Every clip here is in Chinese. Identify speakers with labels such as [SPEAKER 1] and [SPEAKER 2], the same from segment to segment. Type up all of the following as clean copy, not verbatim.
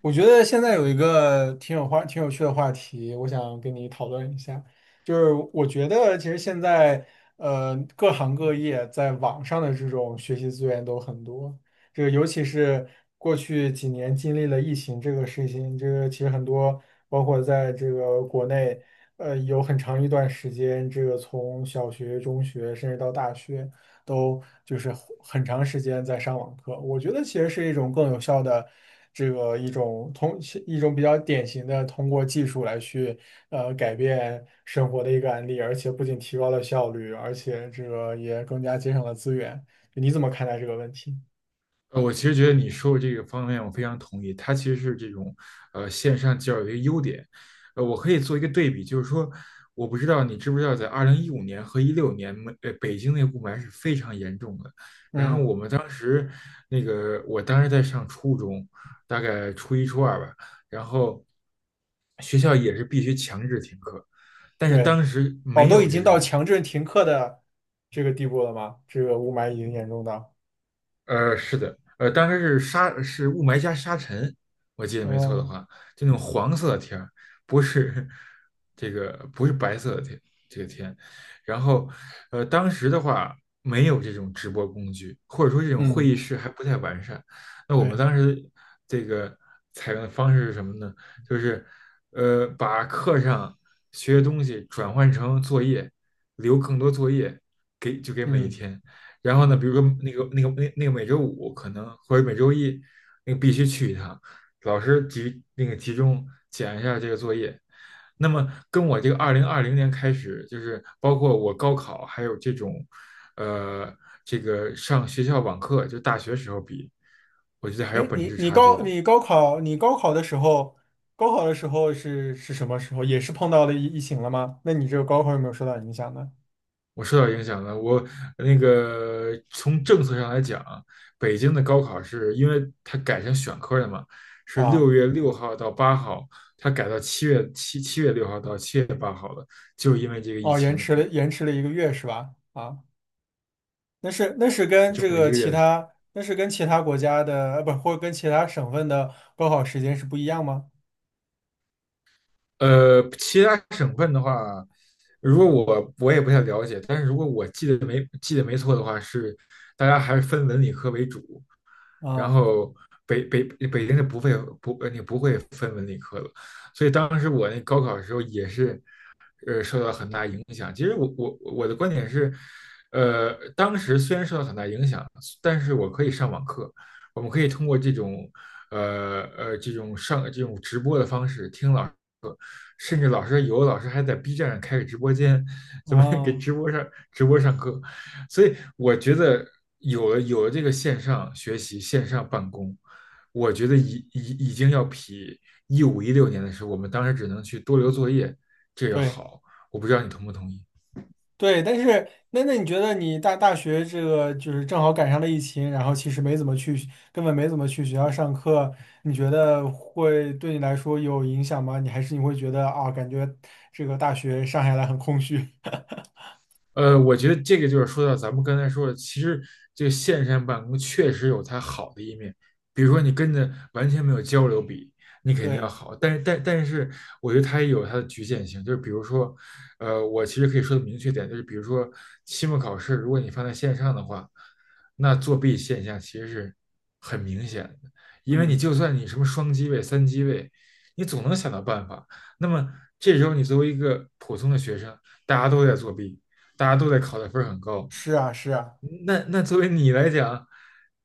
[SPEAKER 1] 我觉得现在有一个挺有趣的话题，我想跟你讨论一下。就是我觉得，其实现在各行各业在网上的这种学习资源都很多。这个尤其是过去几年经历了疫情这个事情，这个其实很多，包括在这个国内，有很长一段时间，这个从小学、中学甚至到大学。都就是很长时间在上网课。我觉得其实是一种更有效的这个一种通一种比较典型的通过技术来去改变生活的一个案例，而且不仅提高了效率，而且这个也更加节省了资源。你怎么看待这个问题？
[SPEAKER 2] 我其实觉得你说的这个方面我非常同意，它其实是这种线上教育的一个优点。我可以做一个对比，就是说，我不知道你知不知道，在2015年和一六年，北京那个雾霾是非常严重的。然后
[SPEAKER 1] 嗯，
[SPEAKER 2] 我们当时我当时在上初中，大概初一初二吧，然后学校也是必须强制停课，但是
[SPEAKER 1] 对，
[SPEAKER 2] 当时
[SPEAKER 1] 哦，
[SPEAKER 2] 没
[SPEAKER 1] 都已
[SPEAKER 2] 有这
[SPEAKER 1] 经到
[SPEAKER 2] 种。
[SPEAKER 1] 强制停课的这个地步了吗？这个雾霾已经严重到，
[SPEAKER 2] 是的，当时是雾霾加沙尘，我记得没错的
[SPEAKER 1] 嗯
[SPEAKER 2] 话，就那种黄色的天儿，不是 这个不是白色的天，这个天。然后，当时的话没有这种直播工具，或者说这种会议
[SPEAKER 1] 嗯，
[SPEAKER 2] 室还不太完善。那我们
[SPEAKER 1] 对，
[SPEAKER 2] 当时这个采用的方式是什么呢？就是，把课上学的东西转换成作业，留更多作业给每一
[SPEAKER 1] 嗯
[SPEAKER 2] 天。然后呢，比
[SPEAKER 1] 嗯。
[SPEAKER 2] 如说那个每周五可能或者每周一，那个必须去一趟，老师集那个集中检一下这个作业。那么跟我这个2020年开始，就是包括我高考还有这种，呃，这个上学校网课，就大学时候比，我觉得还有
[SPEAKER 1] 哎，
[SPEAKER 2] 本
[SPEAKER 1] 你
[SPEAKER 2] 质
[SPEAKER 1] 你
[SPEAKER 2] 差距
[SPEAKER 1] 高
[SPEAKER 2] 的。
[SPEAKER 1] 你高考你高考的时候，高考的时候是什么时候？也是碰到了疫情了吗？那你这个高考有没有受到影响呢？
[SPEAKER 2] 我受到影响了。我从政策上来讲，北京的高考是因为它改成选科了嘛，是六
[SPEAKER 1] 啊，
[SPEAKER 2] 月六号到八号，它改到7月6号到7月8号了，就是因为这个疫
[SPEAKER 1] 哦，延
[SPEAKER 2] 情。
[SPEAKER 1] 迟了延迟了一个月是吧？啊，那是那是跟
[SPEAKER 2] 这
[SPEAKER 1] 这
[SPEAKER 2] 么。
[SPEAKER 1] 个其他那是跟其他国家的，呃，不，或者跟其他省份的高考时间是不一样吗？
[SPEAKER 2] 其他省份的话，如果我也不太了解，但是如果我记得没错的话，是大家还是分文理科为主，然
[SPEAKER 1] 啊
[SPEAKER 2] 后北京是不会不呃你不会分文理科的，所以当时我那高考的时候也是受到很大影响。其实我的观点是，当时虽然受到很大影响，但是我可以上网课，我们可以通过这种这种这种直播的方式听老师课，甚至有的老师还在 B 站上开个直播间，咱们给
[SPEAKER 1] 啊，
[SPEAKER 2] 直播上课。所以我觉得有了这个线上学习、线上办公，我觉得已经要比一五一六年的时候，我们当时只能去多留作业，这个
[SPEAKER 1] 对。
[SPEAKER 2] 好，我不知道你同不同意。
[SPEAKER 1] 对，但是那你觉得你大学这个就是正好赶上了疫情，然后其实没怎么去，根本没怎么去学校上课，你觉得会对你来说有影响吗？你还是你会觉得啊，感觉这个大学上下来很空虚？
[SPEAKER 2] 我觉得这个就是说到咱们刚才说的，其实这个线上办公确实有它好的一面，比如说你跟着完全没有交流比，你肯定要
[SPEAKER 1] 对，
[SPEAKER 2] 好，但是我觉得它也有它的局限性，就是比如说，我其实可以说的明确点，就是比如说期末考试，如果你放在线上的话，那作弊现象其实是很明显的，因为你
[SPEAKER 1] 嗯，
[SPEAKER 2] 就算你什么双机位、三机位，你总能想到办法，那么这时候你作为一个普通的学生，大家都在作弊，大家都在考的分儿很高，
[SPEAKER 1] 是啊，是啊，
[SPEAKER 2] 那作为你来讲，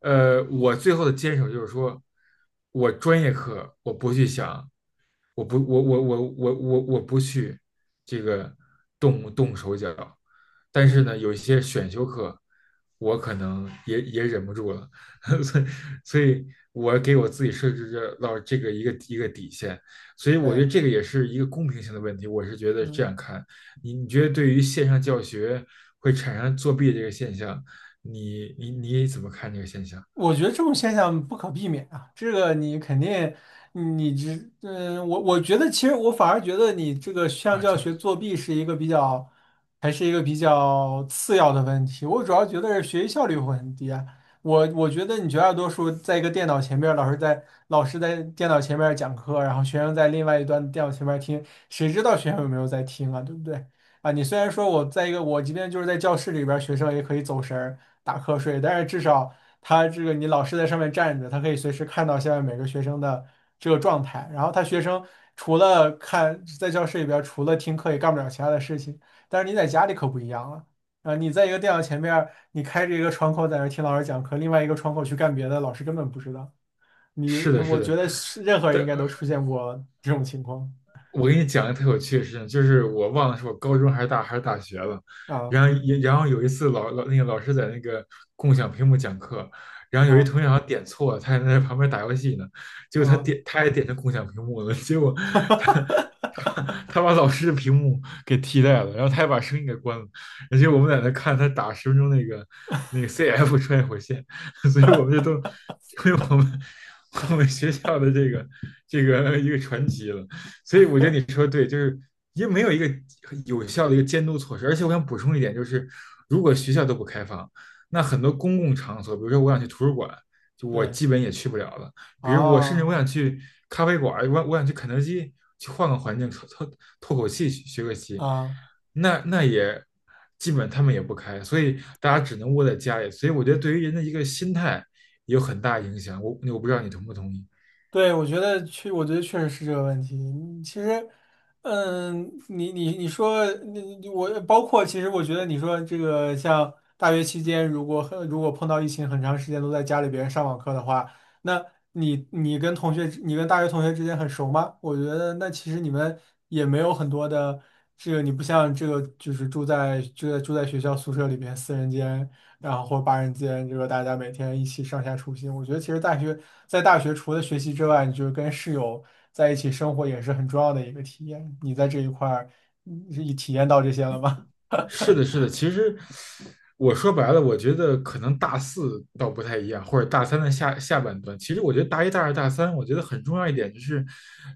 [SPEAKER 2] 我最后的坚守就是说，我专业课我不去想，我不，我我我我我我不去这个动动手脚，但
[SPEAKER 1] 嗯，
[SPEAKER 2] 是呢，有一些选修课，我可能也忍不住了，所以所以我给我自己设置这个一个底线，所以我
[SPEAKER 1] 对，
[SPEAKER 2] 觉得这个也是一个公平性的问题，我是觉得这
[SPEAKER 1] 嗯。
[SPEAKER 2] 样看，你觉得对于线上教学会产生作弊这个现象，你怎么看这个现象
[SPEAKER 1] 我觉得这种现象不可避免啊，这个你肯定，你这，嗯，我觉得其实我反而觉得你这个像
[SPEAKER 2] 啊？
[SPEAKER 1] 教学作弊是一个比较，还是一个比较次要的问题。我主要觉得是学习效率会很低啊。我觉得你绝大多数在一个电脑前面，老师在电脑前面讲课，然后学生在另外一端电脑前面听，谁知道学生有没有在听啊，对不对？啊，你虽然说我在一个我即便就是在教室里边儿学生也可以走神儿打瞌睡，但是至少他这个你老师在上面站着，他可以随时看到下面每个学生的这个状态。然后他学生除了看在教室里边儿除了听课也干不了其他的事情。但是你在家里可不一样了，啊，你在一个电脑前面儿你开着一个窗口在那儿听老师讲课，另外一个窗口去干别的，老师根本不知道。你
[SPEAKER 2] 是的，是
[SPEAKER 1] 我
[SPEAKER 2] 的。
[SPEAKER 1] 觉得是任何人
[SPEAKER 2] 对，
[SPEAKER 1] 应该都出现过这种情况
[SPEAKER 2] 我给你讲一个特有趣的事情，就是我忘了是我高中还是大学了，
[SPEAKER 1] 啊
[SPEAKER 2] 然后也然后有一次老师在那个共享屏幕讲课，然后有一
[SPEAKER 1] 啊
[SPEAKER 2] 同学好像点错了，他还在旁边打游戏呢，结果
[SPEAKER 1] 啊！
[SPEAKER 2] 他也点成共享屏幕了，结果他他他把老师的屏幕给替代了，然后他还把声音给关了，而且我们在那看他打10分钟那个 CF 穿越火线，所以我们就都成为我们学校的这个一个传奇了。所以我觉得你说的对，就是因为没有一个有效的一个监督措施。而且我想补充一点，就是如果学校都不开放，那很多公共场所，比如说我想去图书馆，就我
[SPEAKER 1] 对
[SPEAKER 2] 基本也去不了了。比如我甚至我
[SPEAKER 1] 啊。
[SPEAKER 2] 想去咖啡馆，我想去肯德基，去换个环境透口气，学个习，
[SPEAKER 1] 啊，
[SPEAKER 2] 那也基本他们也不开，所以大家只能窝在家里。所以我觉得对于人的一个心态也有很大影响。我不知道你同不同意。
[SPEAKER 1] 对，我觉得确实是这个问题。嗯其实，嗯，你你你说，你你我包括，其实我觉得你说这个像大学期间，如果碰到疫情很长时间都在家里边上网课的话，那你你跟同学，你跟大学同学之间很熟吗？我觉得那其实你们也没有很多的这个，你不像这个就是住在学校宿舍里边四人间。然后或者八人间，这个大家每天一起上下出行。我觉得其实在大学除了学习之外，你就是跟室友在一起生活也是很重要的一个体验。你在这一块儿，你体验到这些了吗？
[SPEAKER 2] 是的，是的。其实我说白了，我觉得可能大四倒不太一样，或者大三的下半段。其实我觉得大一、大二、大三，我觉得很重要一点就是，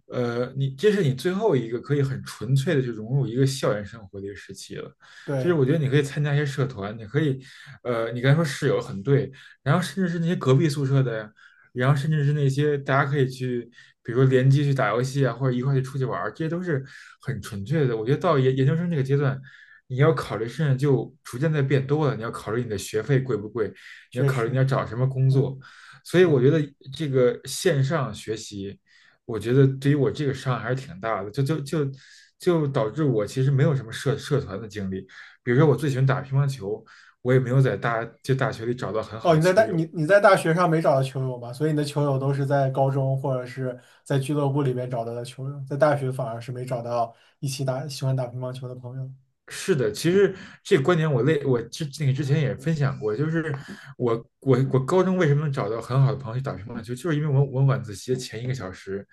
[SPEAKER 2] 你这是你最后一个可以很纯粹的去融入一个校园生活的一个时期了。就是
[SPEAKER 1] 对，
[SPEAKER 2] 我觉得你可以参加一些社团，你可以，你刚才说室友很对，然后甚至是那些隔壁宿舍的呀，然后甚至是那些大家可以去，比如说联机去打游戏啊，或者一块去出去玩儿，这些都是很纯粹的。我觉得到研究生这个阶段，你要考虑事情就逐渐在变多了，你要考虑你的学费贵不贵，你要
[SPEAKER 1] 确
[SPEAKER 2] 考虑你
[SPEAKER 1] 实，
[SPEAKER 2] 要找什么工
[SPEAKER 1] 嗯，
[SPEAKER 2] 作。所以
[SPEAKER 1] 是
[SPEAKER 2] 我
[SPEAKER 1] 的。
[SPEAKER 2] 觉得这个线上学习，我觉得对于我这个伤害还是挺大的，就导致我其实没有什么社团的经历。比如说我最喜欢打乒乓球，我也没有在大学里找到很好
[SPEAKER 1] 哦，
[SPEAKER 2] 的
[SPEAKER 1] 你在大
[SPEAKER 2] 球
[SPEAKER 1] 你
[SPEAKER 2] 友。
[SPEAKER 1] 你在大学上没找到球友吧？所以你的球友都是在高中或者是在俱乐部里面找到的球友，在大学反而是没找到一起打喜欢打乒乓球的朋友。
[SPEAKER 2] 是的，其实这个观点我类我之那个之前也分享过，就是我我高中为什么能找到很好的朋友去打乒乓球，就是因为我晚自习的前一个小时，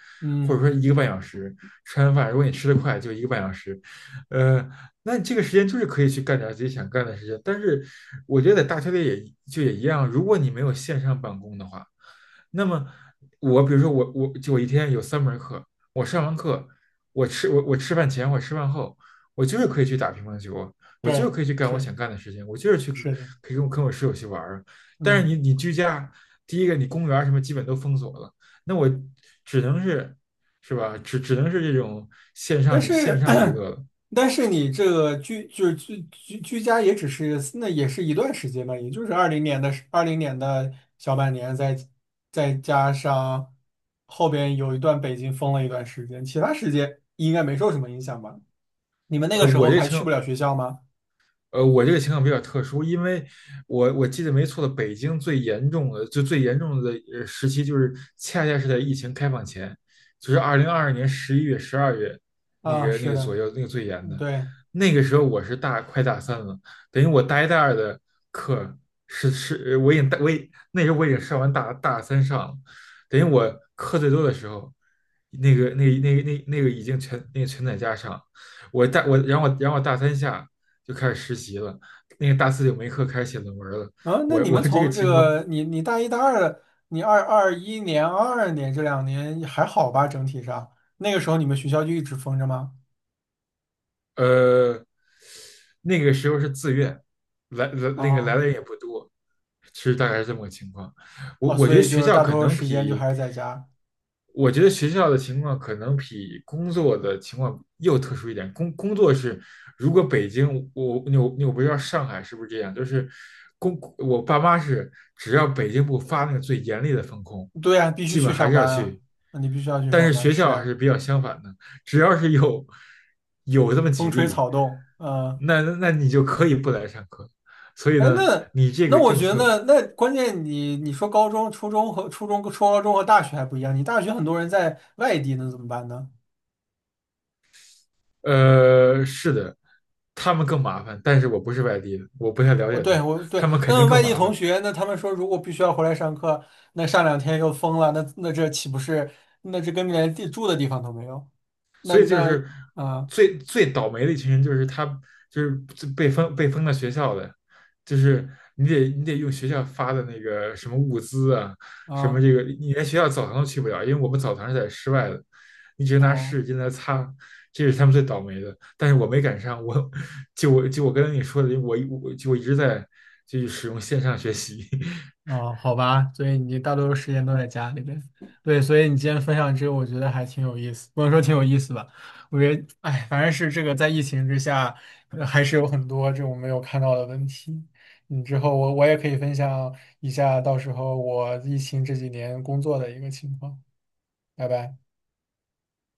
[SPEAKER 2] 或者
[SPEAKER 1] 嗯，
[SPEAKER 2] 说一个半小时，吃完饭如果你吃得快，就一个半小时，呃，那你这个时间就是可以去干点自己想干的事情。但是我觉得在大学里也一样，如果你没有线上办公的话，那么我比如说我一天有三门课，我上完课，我吃饭前我吃饭后。我就是可以去打乒乓球，我就是
[SPEAKER 1] 对，
[SPEAKER 2] 可以去干我想干的事情，我就是
[SPEAKER 1] 是的，
[SPEAKER 2] 可以跟我室友去玩儿。但是
[SPEAKER 1] 嗯。
[SPEAKER 2] 你居家，第一个你公园儿什么基本都封锁了，那我只能是，是吧？只能是这种
[SPEAKER 1] 但
[SPEAKER 2] 线
[SPEAKER 1] 是，
[SPEAKER 2] 上娱乐了。
[SPEAKER 1] 但是你这个居就是居居居家也只是那也是一段时间吧，也就是二零年的小半年再，再加上后边有一段北京封了一段时间，其他时间应该没受什么影响吧？你们那
[SPEAKER 2] 呃，
[SPEAKER 1] 个时
[SPEAKER 2] 我
[SPEAKER 1] 候
[SPEAKER 2] 这
[SPEAKER 1] 还
[SPEAKER 2] 情
[SPEAKER 1] 去不了学校吗？
[SPEAKER 2] 我这个情况比较特殊，因为我记得没错的，北京最严重的时期，就是恰恰是在疫情开放前，就是2022年11月、12月那
[SPEAKER 1] 啊，
[SPEAKER 2] 个那
[SPEAKER 1] 是
[SPEAKER 2] 个左
[SPEAKER 1] 的，
[SPEAKER 2] 右，那个最严
[SPEAKER 1] 嗯
[SPEAKER 2] 的。
[SPEAKER 1] 对，
[SPEAKER 2] 那个时候我是快大三了，等于我大一大二的课是，我已经大我已那时候我已经上完大三上了，等于我课最多的时候，那个已经全那个全在家上，我大我然后我然后我大三下。就开始实习了，那个大四就没课，开始写论文了。
[SPEAKER 1] 啊，那
[SPEAKER 2] 我
[SPEAKER 1] 你
[SPEAKER 2] 我
[SPEAKER 1] 们
[SPEAKER 2] 这个
[SPEAKER 1] 从这
[SPEAKER 2] 情况
[SPEAKER 1] 个你你大一大二，你2021年、2022年这两年还好吧？整体上那个时候你们学校就一直封着吗？
[SPEAKER 2] 呃，那个时候是自愿，来来那个来
[SPEAKER 1] 啊。
[SPEAKER 2] 的人也不多，其实大概是这么个情况。我
[SPEAKER 1] 哦，
[SPEAKER 2] 我觉
[SPEAKER 1] 所
[SPEAKER 2] 得
[SPEAKER 1] 以就
[SPEAKER 2] 学
[SPEAKER 1] 是
[SPEAKER 2] 校
[SPEAKER 1] 大
[SPEAKER 2] 可
[SPEAKER 1] 多数
[SPEAKER 2] 能
[SPEAKER 1] 时间就
[SPEAKER 2] 比，
[SPEAKER 1] 还是在家。
[SPEAKER 2] 我觉得学校的情况可能比工作的情况又特殊一点。工作是，如果北京，我不知道上海是不是这样，就是我爸妈是，只要北京不发那个最严厉的封控，
[SPEAKER 1] 对呀，必须
[SPEAKER 2] 基
[SPEAKER 1] 去
[SPEAKER 2] 本还
[SPEAKER 1] 上
[SPEAKER 2] 是要
[SPEAKER 1] 班啊，
[SPEAKER 2] 去。
[SPEAKER 1] 那你必须要去
[SPEAKER 2] 但
[SPEAKER 1] 上
[SPEAKER 2] 是
[SPEAKER 1] 班，
[SPEAKER 2] 学
[SPEAKER 1] 是
[SPEAKER 2] 校还是
[SPEAKER 1] 啊
[SPEAKER 2] 比较相反的。只要是有这么
[SPEAKER 1] 风
[SPEAKER 2] 几
[SPEAKER 1] 吹
[SPEAKER 2] 例，
[SPEAKER 1] 草动，嗯，
[SPEAKER 2] 那你就可以不来上课。所以
[SPEAKER 1] 哎，
[SPEAKER 2] 呢，
[SPEAKER 1] 那
[SPEAKER 2] 你这
[SPEAKER 1] 那
[SPEAKER 2] 个
[SPEAKER 1] 我
[SPEAKER 2] 政
[SPEAKER 1] 觉
[SPEAKER 2] 策，
[SPEAKER 1] 得那关键你你说高中、初中和初中、初高中和大学还不一样，你大学很多人在外地，那怎么办呢？
[SPEAKER 2] 是的，他们更麻烦，但是我不是外地的，我不太了
[SPEAKER 1] 哦，
[SPEAKER 2] 解他
[SPEAKER 1] 对，
[SPEAKER 2] 们，
[SPEAKER 1] 我
[SPEAKER 2] 他
[SPEAKER 1] 对，
[SPEAKER 2] 们肯定
[SPEAKER 1] 那外
[SPEAKER 2] 更
[SPEAKER 1] 地
[SPEAKER 2] 麻
[SPEAKER 1] 同
[SPEAKER 2] 烦。
[SPEAKER 1] 学，那他们说如果必须要回来上课，那上两天又疯了，那这岂不是那这根本连地住的地方都没有？那
[SPEAKER 2] 所以就
[SPEAKER 1] 那
[SPEAKER 2] 是
[SPEAKER 1] 啊
[SPEAKER 2] 最最倒霉的一群人，就是他就是被封到学校的，就是你得用学校发的那个什么物资啊，什么
[SPEAKER 1] 啊
[SPEAKER 2] 这个你连学校澡堂都去不了，因为我们澡堂是在室外的，你只能拿
[SPEAKER 1] 哦。
[SPEAKER 2] 湿纸巾来擦。这是他们最倒霉的，但是我没赶上。我跟你说的，我一直在使用线上学习，
[SPEAKER 1] 哦，好吧，所以你大多数时间都在家里边。对，所以你今天分享这个，我觉得还挺有意思，不能说挺有意思吧，我觉得，哎，反正是这个在疫情之下，还是有很多这种没有看到的问题。嗯，之后我也可以分享一下，到时候我疫情这几年工作的一个情况。拜拜。